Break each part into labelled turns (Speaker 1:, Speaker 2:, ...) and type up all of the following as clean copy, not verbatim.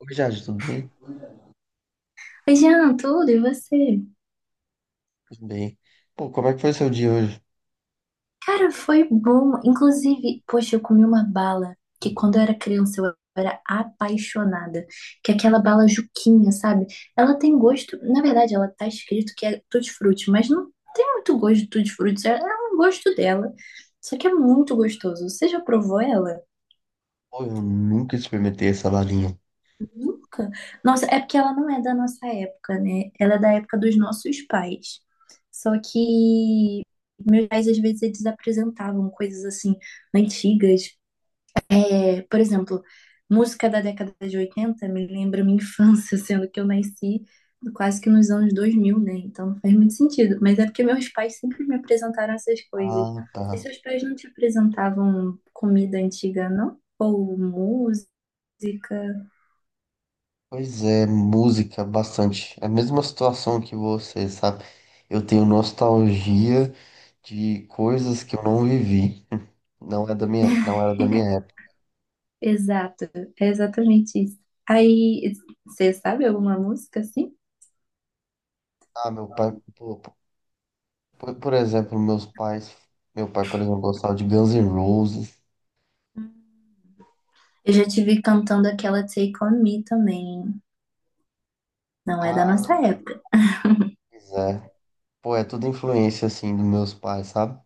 Speaker 1: Oi, Jade, tudo bem?
Speaker 2: Oi, Jean, tudo? E você?
Speaker 1: Tudo bem. Pô, como é que foi seu dia hoje?
Speaker 2: Cara, foi bom. Inclusive, poxa, eu comi uma bala que quando eu era criança eu era apaixonada. Que é aquela bala Juquinha, sabe? Ela tem gosto. Na verdade, ela tá escrito que é tutti-frutti, mas não tem muito gosto de tutti-frutti. É um gosto dela. Só que é muito gostoso. Você já provou ela?
Speaker 1: Pô, eu nunca experimentei essa balinha.
Speaker 2: Nunca. Nossa, é porque ela não é da nossa época, né? Ela é da época dos nossos pais. Só que meus pais, às vezes, eles apresentavam coisas assim, antigas. É, por exemplo, música da década de 80 me lembra minha infância, sendo que eu nasci quase que nos anos 2000, né? Então não faz muito sentido. Mas é porque meus pais sempre me apresentaram essas coisas.
Speaker 1: Ah,
Speaker 2: E
Speaker 1: tá.
Speaker 2: seus pais não te apresentavam comida antiga, não? Ou música?
Speaker 1: Pois é, música, bastante. É a mesma situação que você, sabe? Eu tenho nostalgia de coisas que eu não vivi. Não era da minha época.
Speaker 2: Exato, é exatamente isso. Aí, você sabe alguma música assim?
Speaker 1: Ah, meu pai, por exemplo, meu pai, por exemplo, gostava de Guns N' Roses.
Speaker 2: Eu já tive cantando aquela Take On Me também. Não é da
Speaker 1: Ah,
Speaker 2: nossa
Speaker 1: sim,
Speaker 2: época.
Speaker 1: pois é. Pô, é tudo influência, assim, dos meus pais, sabe?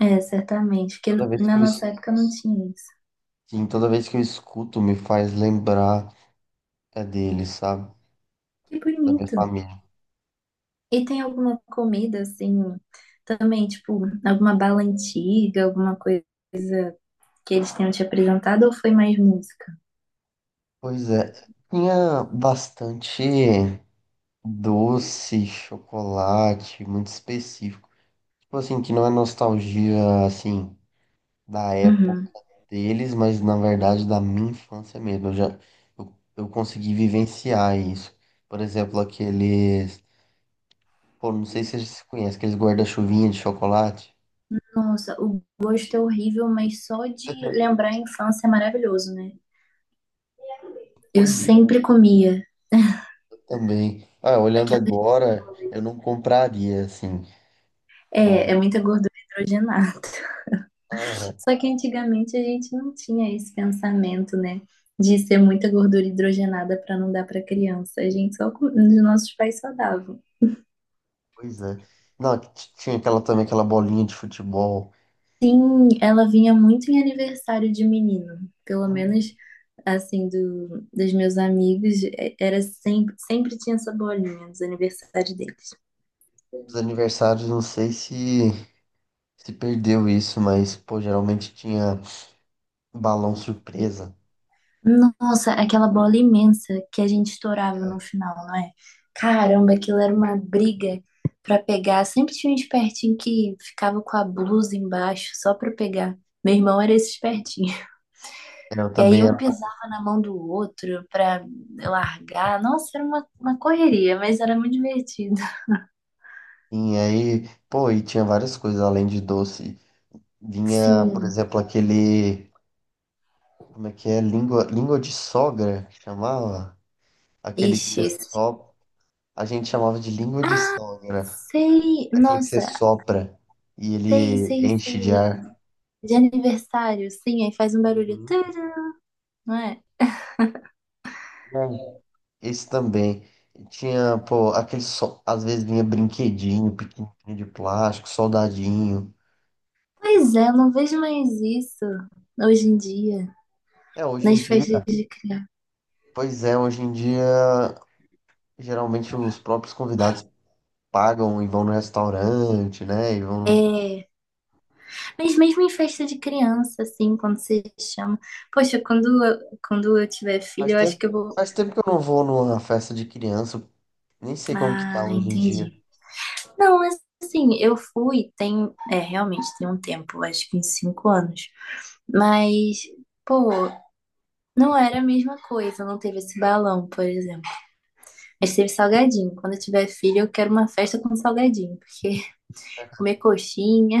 Speaker 2: É, certamente, porque
Speaker 1: Toda vez que
Speaker 2: na
Speaker 1: eu
Speaker 2: nossa época não tinha isso.
Speaker 1: Sim, toda vez que eu escuto me faz lembrar é dele, sabe?
Speaker 2: Que
Speaker 1: Da minha
Speaker 2: bonito.
Speaker 1: família.
Speaker 2: E tem alguma comida assim, também, tipo, alguma bala antiga, alguma coisa que eles tenham te apresentado ou foi mais música?
Speaker 1: Pois é, tinha bastante doce, chocolate, muito específico. Tipo assim, que não é nostalgia, assim, da época
Speaker 2: Uhum.
Speaker 1: deles, mas na verdade da minha infância mesmo. Eu consegui vivenciar isso. Por exemplo, aqueles. Pô, não sei se você conhece, aqueles guarda-chuvinha de chocolate.
Speaker 2: Nossa, o gosto é horrível, mas só de lembrar a infância é maravilhoso, né? Eu
Speaker 1: Pois
Speaker 2: sempre comia
Speaker 1: também. Ah, olhando
Speaker 2: aquelas
Speaker 1: agora, eu
Speaker 2: bolas.
Speaker 1: não compraria, assim.
Speaker 2: É,
Speaker 1: Mas,
Speaker 2: é muita gordura hidrogenada.
Speaker 1: ah,
Speaker 2: Só que antigamente a gente não tinha esse pensamento, né? De ser muita gordura hidrogenada para não dar para criança. A gente só, os nossos pais só davam.
Speaker 1: pois é. Não, tinha aquela também, aquela bolinha de futebol.
Speaker 2: Sim, ela vinha muito em aniversário de menino. Pelo
Speaker 1: Hum.
Speaker 2: menos, assim, do, dos meus amigos, era sempre, sempre tinha essa bolinha nos aniversários deles.
Speaker 1: Os aniversários, não sei se perdeu isso, mas, pô, geralmente tinha balão surpresa.
Speaker 2: Nossa, aquela bola imensa que a gente estourava no final, não é? Caramba, aquilo era uma briga pra pegar. Sempre tinha um espertinho que ficava com a blusa embaixo só pra pegar. Meu irmão era esse espertinho.
Speaker 1: É, eu
Speaker 2: E aí
Speaker 1: também era
Speaker 2: um
Speaker 1: um pouco
Speaker 2: pisava na mão do outro pra largar. Nossa, era uma correria, mas era muito divertido.
Speaker 1: assim. Aí, pô, e tinha várias coisas além de doce. Vinha, por
Speaker 2: Sim.
Speaker 1: exemplo, aquele. Como é que é? Língua de sogra, que chamava? Aquele que
Speaker 2: Ixi,
Speaker 1: você sopra. A gente chamava de língua de sogra,
Speaker 2: sei.
Speaker 1: aquele que você
Speaker 2: Nossa,
Speaker 1: sopra e
Speaker 2: sei,
Speaker 1: ele
Speaker 2: sei,
Speaker 1: enche de
Speaker 2: sei.
Speaker 1: ar.
Speaker 2: De aniversário, sim, aí faz um barulho,
Speaker 1: Uhum.
Speaker 2: tcharam, não é?
Speaker 1: Bom, esse também. E tinha, pô, aquele só. Às vezes vinha brinquedinho, pequenininho de plástico, soldadinho.
Speaker 2: Pois é, eu não vejo mais isso hoje em dia,
Speaker 1: É, hoje em
Speaker 2: nas
Speaker 1: dia.
Speaker 2: festas de criança.
Speaker 1: Pois é, hoje em dia, geralmente os próprios convidados pagam e vão no restaurante, né? E vão.
Speaker 2: É, mas mesmo em festa de criança, assim, quando você chama. Poxa, quando eu tiver filho,
Speaker 1: Faz
Speaker 2: eu acho
Speaker 1: tempo,
Speaker 2: que eu vou.
Speaker 1: faz tempo que eu não vou numa festa de criança. Nem sei como que tá
Speaker 2: Ah,
Speaker 1: hoje em dia.
Speaker 2: entendi. Não, mas assim, eu fui, tem. É, realmente tem um tempo, acho que uns 5 anos. Mas, pô, não era a mesma coisa, não teve esse balão, por exemplo. Mas teve salgadinho. Quando eu tiver filho, eu quero uma festa com salgadinho, porque comer coxinha.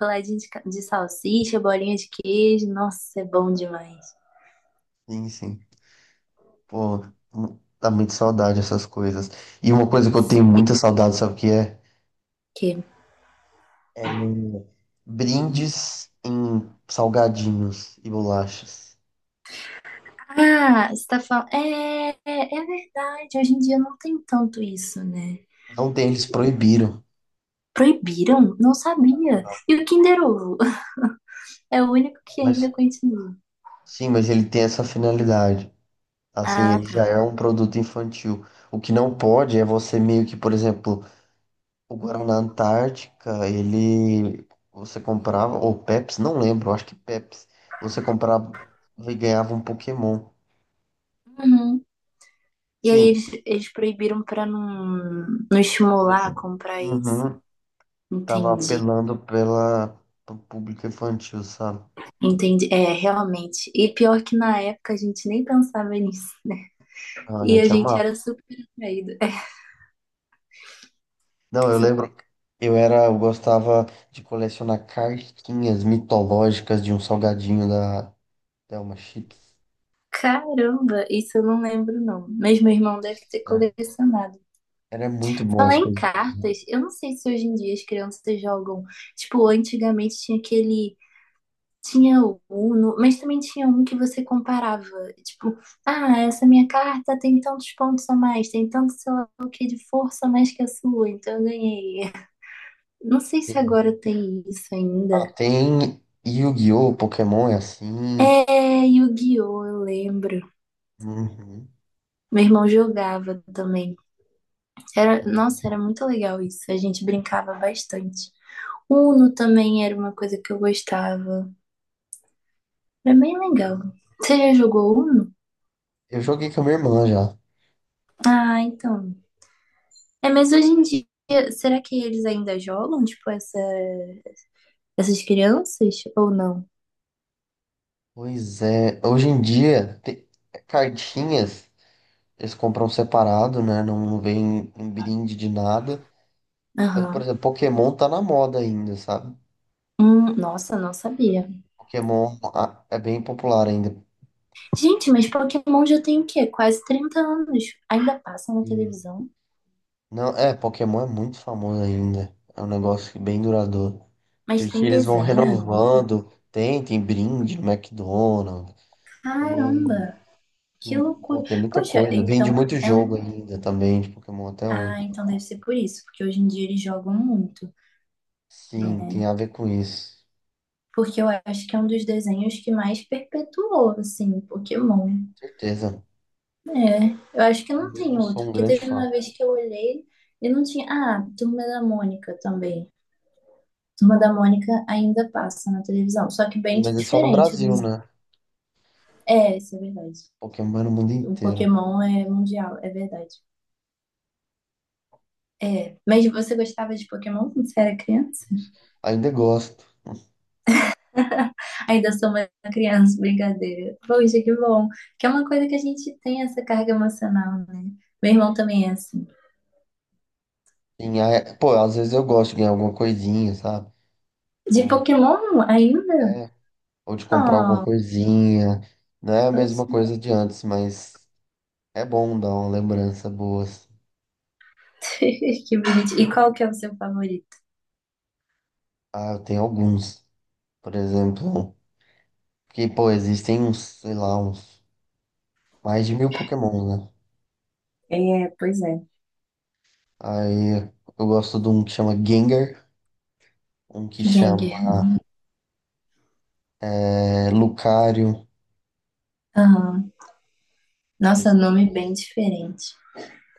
Speaker 2: Roladinho de, de salsicha, bolinha de queijo. Nossa, é bom demais.
Speaker 1: Sim, sim. Pô, dá muita saudade essas coisas. E uma coisa que eu tenho muita saudade, sabe o que é?
Speaker 2: Que...
Speaker 1: É brindes em salgadinhos e bolachas.
Speaker 2: Ah, você tá falando. É verdade. Hoje em dia não tem tanto isso, né?
Speaker 1: Não tem, eles proibiram.
Speaker 2: Proibiram? Não sabia. E o Kinder Ovo? É o único que
Speaker 1: Mas
Speaker 2: ainda continua.
Speaker 1: sim, mas ele tem essa finalidade. Assim,
Speaker 2: Ah,
Speaker 1: ele já
Speaker 2: tá.
Speaker 1: é um produto infantil. O que não pode é você meio que, por exemplo, o Guaraná Antártica, ele você comprava, ou Pepsi, não lembro, acho que Pepsi. Você comprava e ganhava um Pokémon.
Speaker 2: Uhum. E aí
Speaker 1: Sim,
Speaker 2: eles proibiram pra não estimular a comprar isso.
Speaker 1: uhum. Tava
Speaker 2: Entendi,
Speaker 1: apelando pela pro público infantil, sabe?
Speaker 2: entendi. É, realmente. E pior que na época a gente nem pensava nisso, né?
Speaker 1: Não, a
Speaker 2: E a
Speaker 1: gente
Speaker 2: gente era
Speaker 1: amava.
Speaker 2: super atraído.
Speaker 1: Não, eu
Speaker 2: É.
Speaker 1: lembro, que eu gostava de colecionar cartinhas mitológicas de um salgadinho da Thelma Chips.
Speaker 2: Caramba, isso eu não lembro não. Mas meu irmão deve ter
Speaker 1: Nossa,
Speaker 2: colecionado.
Speaker 1: era muito bom as
Speaker 2: Falar em
Speaker 1: coisas.
Speaker 2: cartas, eu não sei se hoje em dia as crianças jogam. Tipo, antigamente tinha aquele. Tinha o Uno, mas também tinha um que você comparava. Tipo, ah, essa minha carta tem tantos pontos a mais, tem tanto, sei lá o que, de força a mais que a sua, então eu ganhei. Não sei se
Speaker 1: Tem-
Speaker 2: agora tem isso
Speaker 1: Ah,
Speaker 2: ainda.
Speaker 1: tem Yu-Gi-Oh! Pokémon é assim.
Speaker 2: É, Yu-Gi-Oh! Eu lembro.
Speaker 1: Uhum.
Speaker 2: Meu irmão jogava também. Era, nossa, era muito legal isso. A gente brincava bastante. Uno também era uma coisa que eu gostava. Era bem legal. Você já jogou Uno?
Speaker 1: Eu joguei com a minha irmã já.
Speaker 2: Ah, então. É, mas hoje em dia, será que eles ainda jogam, tipo, essa, essas crianças ou não?
Speaker 1: Pois é, hoje em dia, tem cartinhas. Eles compram separado, né? Não, não vem em brinde de nada. Mas, por
Speaker 2: Aham.
Speaker 1: exemplo, Pokémon tá na moda ainda, sabe?
Speaker 2: Nossa, não sabia.
Speaker 1: Pokémon, é bem popular ainda.
Speaker 2: Gente, mas Pokémon já tem o quê? Quase 30 anos. Ainda passa na
Speaker 1: Sim.
Speaker 2: televisão,
Speaker 1: Não, é, Pokémon é muito famoso ainda. É um negócio que bem duradouro.
Speaker 2: mas
Speaker 1: Porque
Speaker 2: tem
Speaker 1: eles vão
Speaker 2: desenho ainda.
Speaker 1: renovando. Tem brinde no McDonald's.
Speaker 2: Caramba,
Speaker 1: Tem,
Speaker 2: que
Speaker 1: tem, pô,
Speaker 2: loucura.
Speaker 1: tem muita
Speaker 2: Poxa,
Speaker 1: coisa.
Speaker 2: então
Speaker 1: Vende muito
Speaker 2: é um.
Speaker 1: jogo ainda também de Pokémon até hoje.
Speaker 2: Ah, então deve ser por isso, porque hoje em dia eles jogam muito,
Speaker 1: Sim, tem
Speaker 2: né?
Speaker 1: a ver com isso.
Speaker 2: Porque eu acho que é um dos desenhos que mais perpetuou, assim, Pokémon.
Speaker 1: Certeza.
Speaker 2: É, eu acho que
Speaker 1: Eu
Speaker 2: não
Speaker 1: mesmo
Speaker 2: tem outro,
Speaker 1: sou um
Speaker 2: porque
Speaker 1: grande
Speaker 2: teve
Speaker 1: fã.
Speaker 2: uma vez que eu olhei e não tinha. Ah, Turma da Mônica também. Turma da Mônica ainda passa na televisão, só que
Speaker 1: Sim,
Speaker 2: bem
Speaker 1: mas é só no
Speaker 2: diferente o
Speaker 1: Brasil,
Speaker 2: desenho.
Speaker 1: né?
Speaker 2: É, isso é verdade.
Speaker 1: Pokémon no mundo
Speaker 2: O
Speaker 1: inteiro.
Speaker 2: Pokémon é mundial, é verdade. É, mas você gostava de Pokémon quando você era criança?
Speaker 1: Ainda gosto.
Speaker 2: Ainda sou uma criança, brincadeira. Poxa, que bom. Que é uma coisa que a gente tem essa carga emocional, né? Meu irmão também é assim.
Speaker 1: Sim, pô, às vezes eu gosto de ganhar alguma coisinha, sabe?
Speaker 2: De
Speaker 1: Ou,
Speaker 2: Pokémon ainda?
Speaker 1: é, ou de comprar alguma
Speaker 2: Oh,
Speaker 1: coisinha. Não é a mesma
Speaker 2: poxa.
Speaker 1: coisa de antes, mas é bom dar uma lembrança boa, assim.
Speaker 2: Que bonito. E qual que é o seu favorito?
Speaker 1: Ah, eu tenho alguns. Por exemplo, que, pô, existem uns, sei lá, uns mais de 1.000 Pokémon, né?
Speaker 2: É, pois é.
Speaker 1: Aí eu gosto de um que chama Gengar, um que chama
Speaker 2: Gengar.
Speaker 1: Lucario.
Speaker 2: Aham. Nossa,
Speaker 1: Esse-
Speaker 2: nome bem diferente.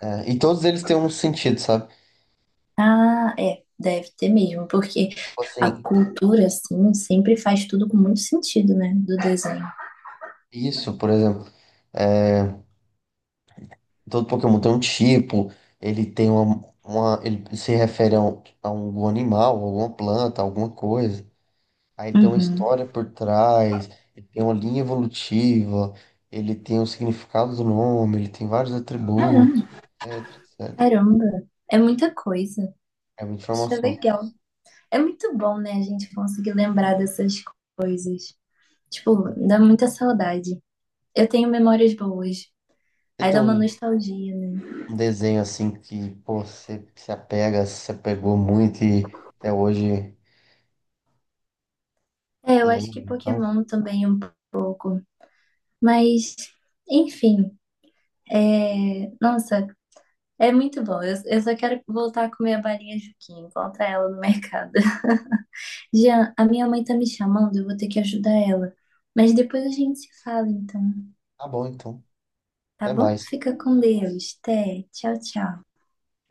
Speaker 1: e todos eles têm um sentido, sabe?
Speaker 2: Ah, é. Deve ter mesmo, porque
Speaker 1: Tipo
Speaker 2: a
Speaker 1: assim,
Speaker 2: cultura, assim, sempre faz tudo com muito sentido, né? Do desenho.
Speaker 1: isso, por exemplo. é, Todo Pokémon tem um tipo, ele tem ele se refere a algum animal, alguma planta, alguma coisa. Aí tem uma
Speaker 2: Uhum.
Speaker 1: história por trás, ele tem uma linha evolutiva, ele tem o significado do nome, ele tem vários atributos,
Speaker 2: Caramba.
Speaker 1: etc, etc.
Speaker 2: Caramba. É muita coisa.
Speaker 1: É muita
Speaker 2: Poxa,
Speaker 1: informação.
Speaker 2: legal. É muito bom, né, a gente conseguir lembrar dessas coisas. Tipo, dá muita saudade. Eu tenho memórias boas.
Speaker 1: Você
Speaker 2: Aí
Speaker 1: tem
Speaker 2: dá uma
Speaker 1: um,
Speaker 2: nostalgia, né?
Speaker 1: um desenho assim que, pô, você se apegou muito e até hoje
Speaker 2: É, eu acho que
Speaker 1: lembra, então.
Speaker 2: Pokémon também um pouco. Mas, enfim, nossa, é muito bom. Eu só quero voltar a comer a balinha Juquinha, encontrar ela no mercado. Jean, a minha mãe tá me chamando, eu vou ter que ajudar ela. Mas depois a gente se fala, então,
Speaker 1: Tá bom, então.
Speaker 2: tá
Speaker 1: Até
Speaker 2: bom?
Speaker 1: mais.
Speaker 2: Fica com Deus. Até. Tchau, tchau.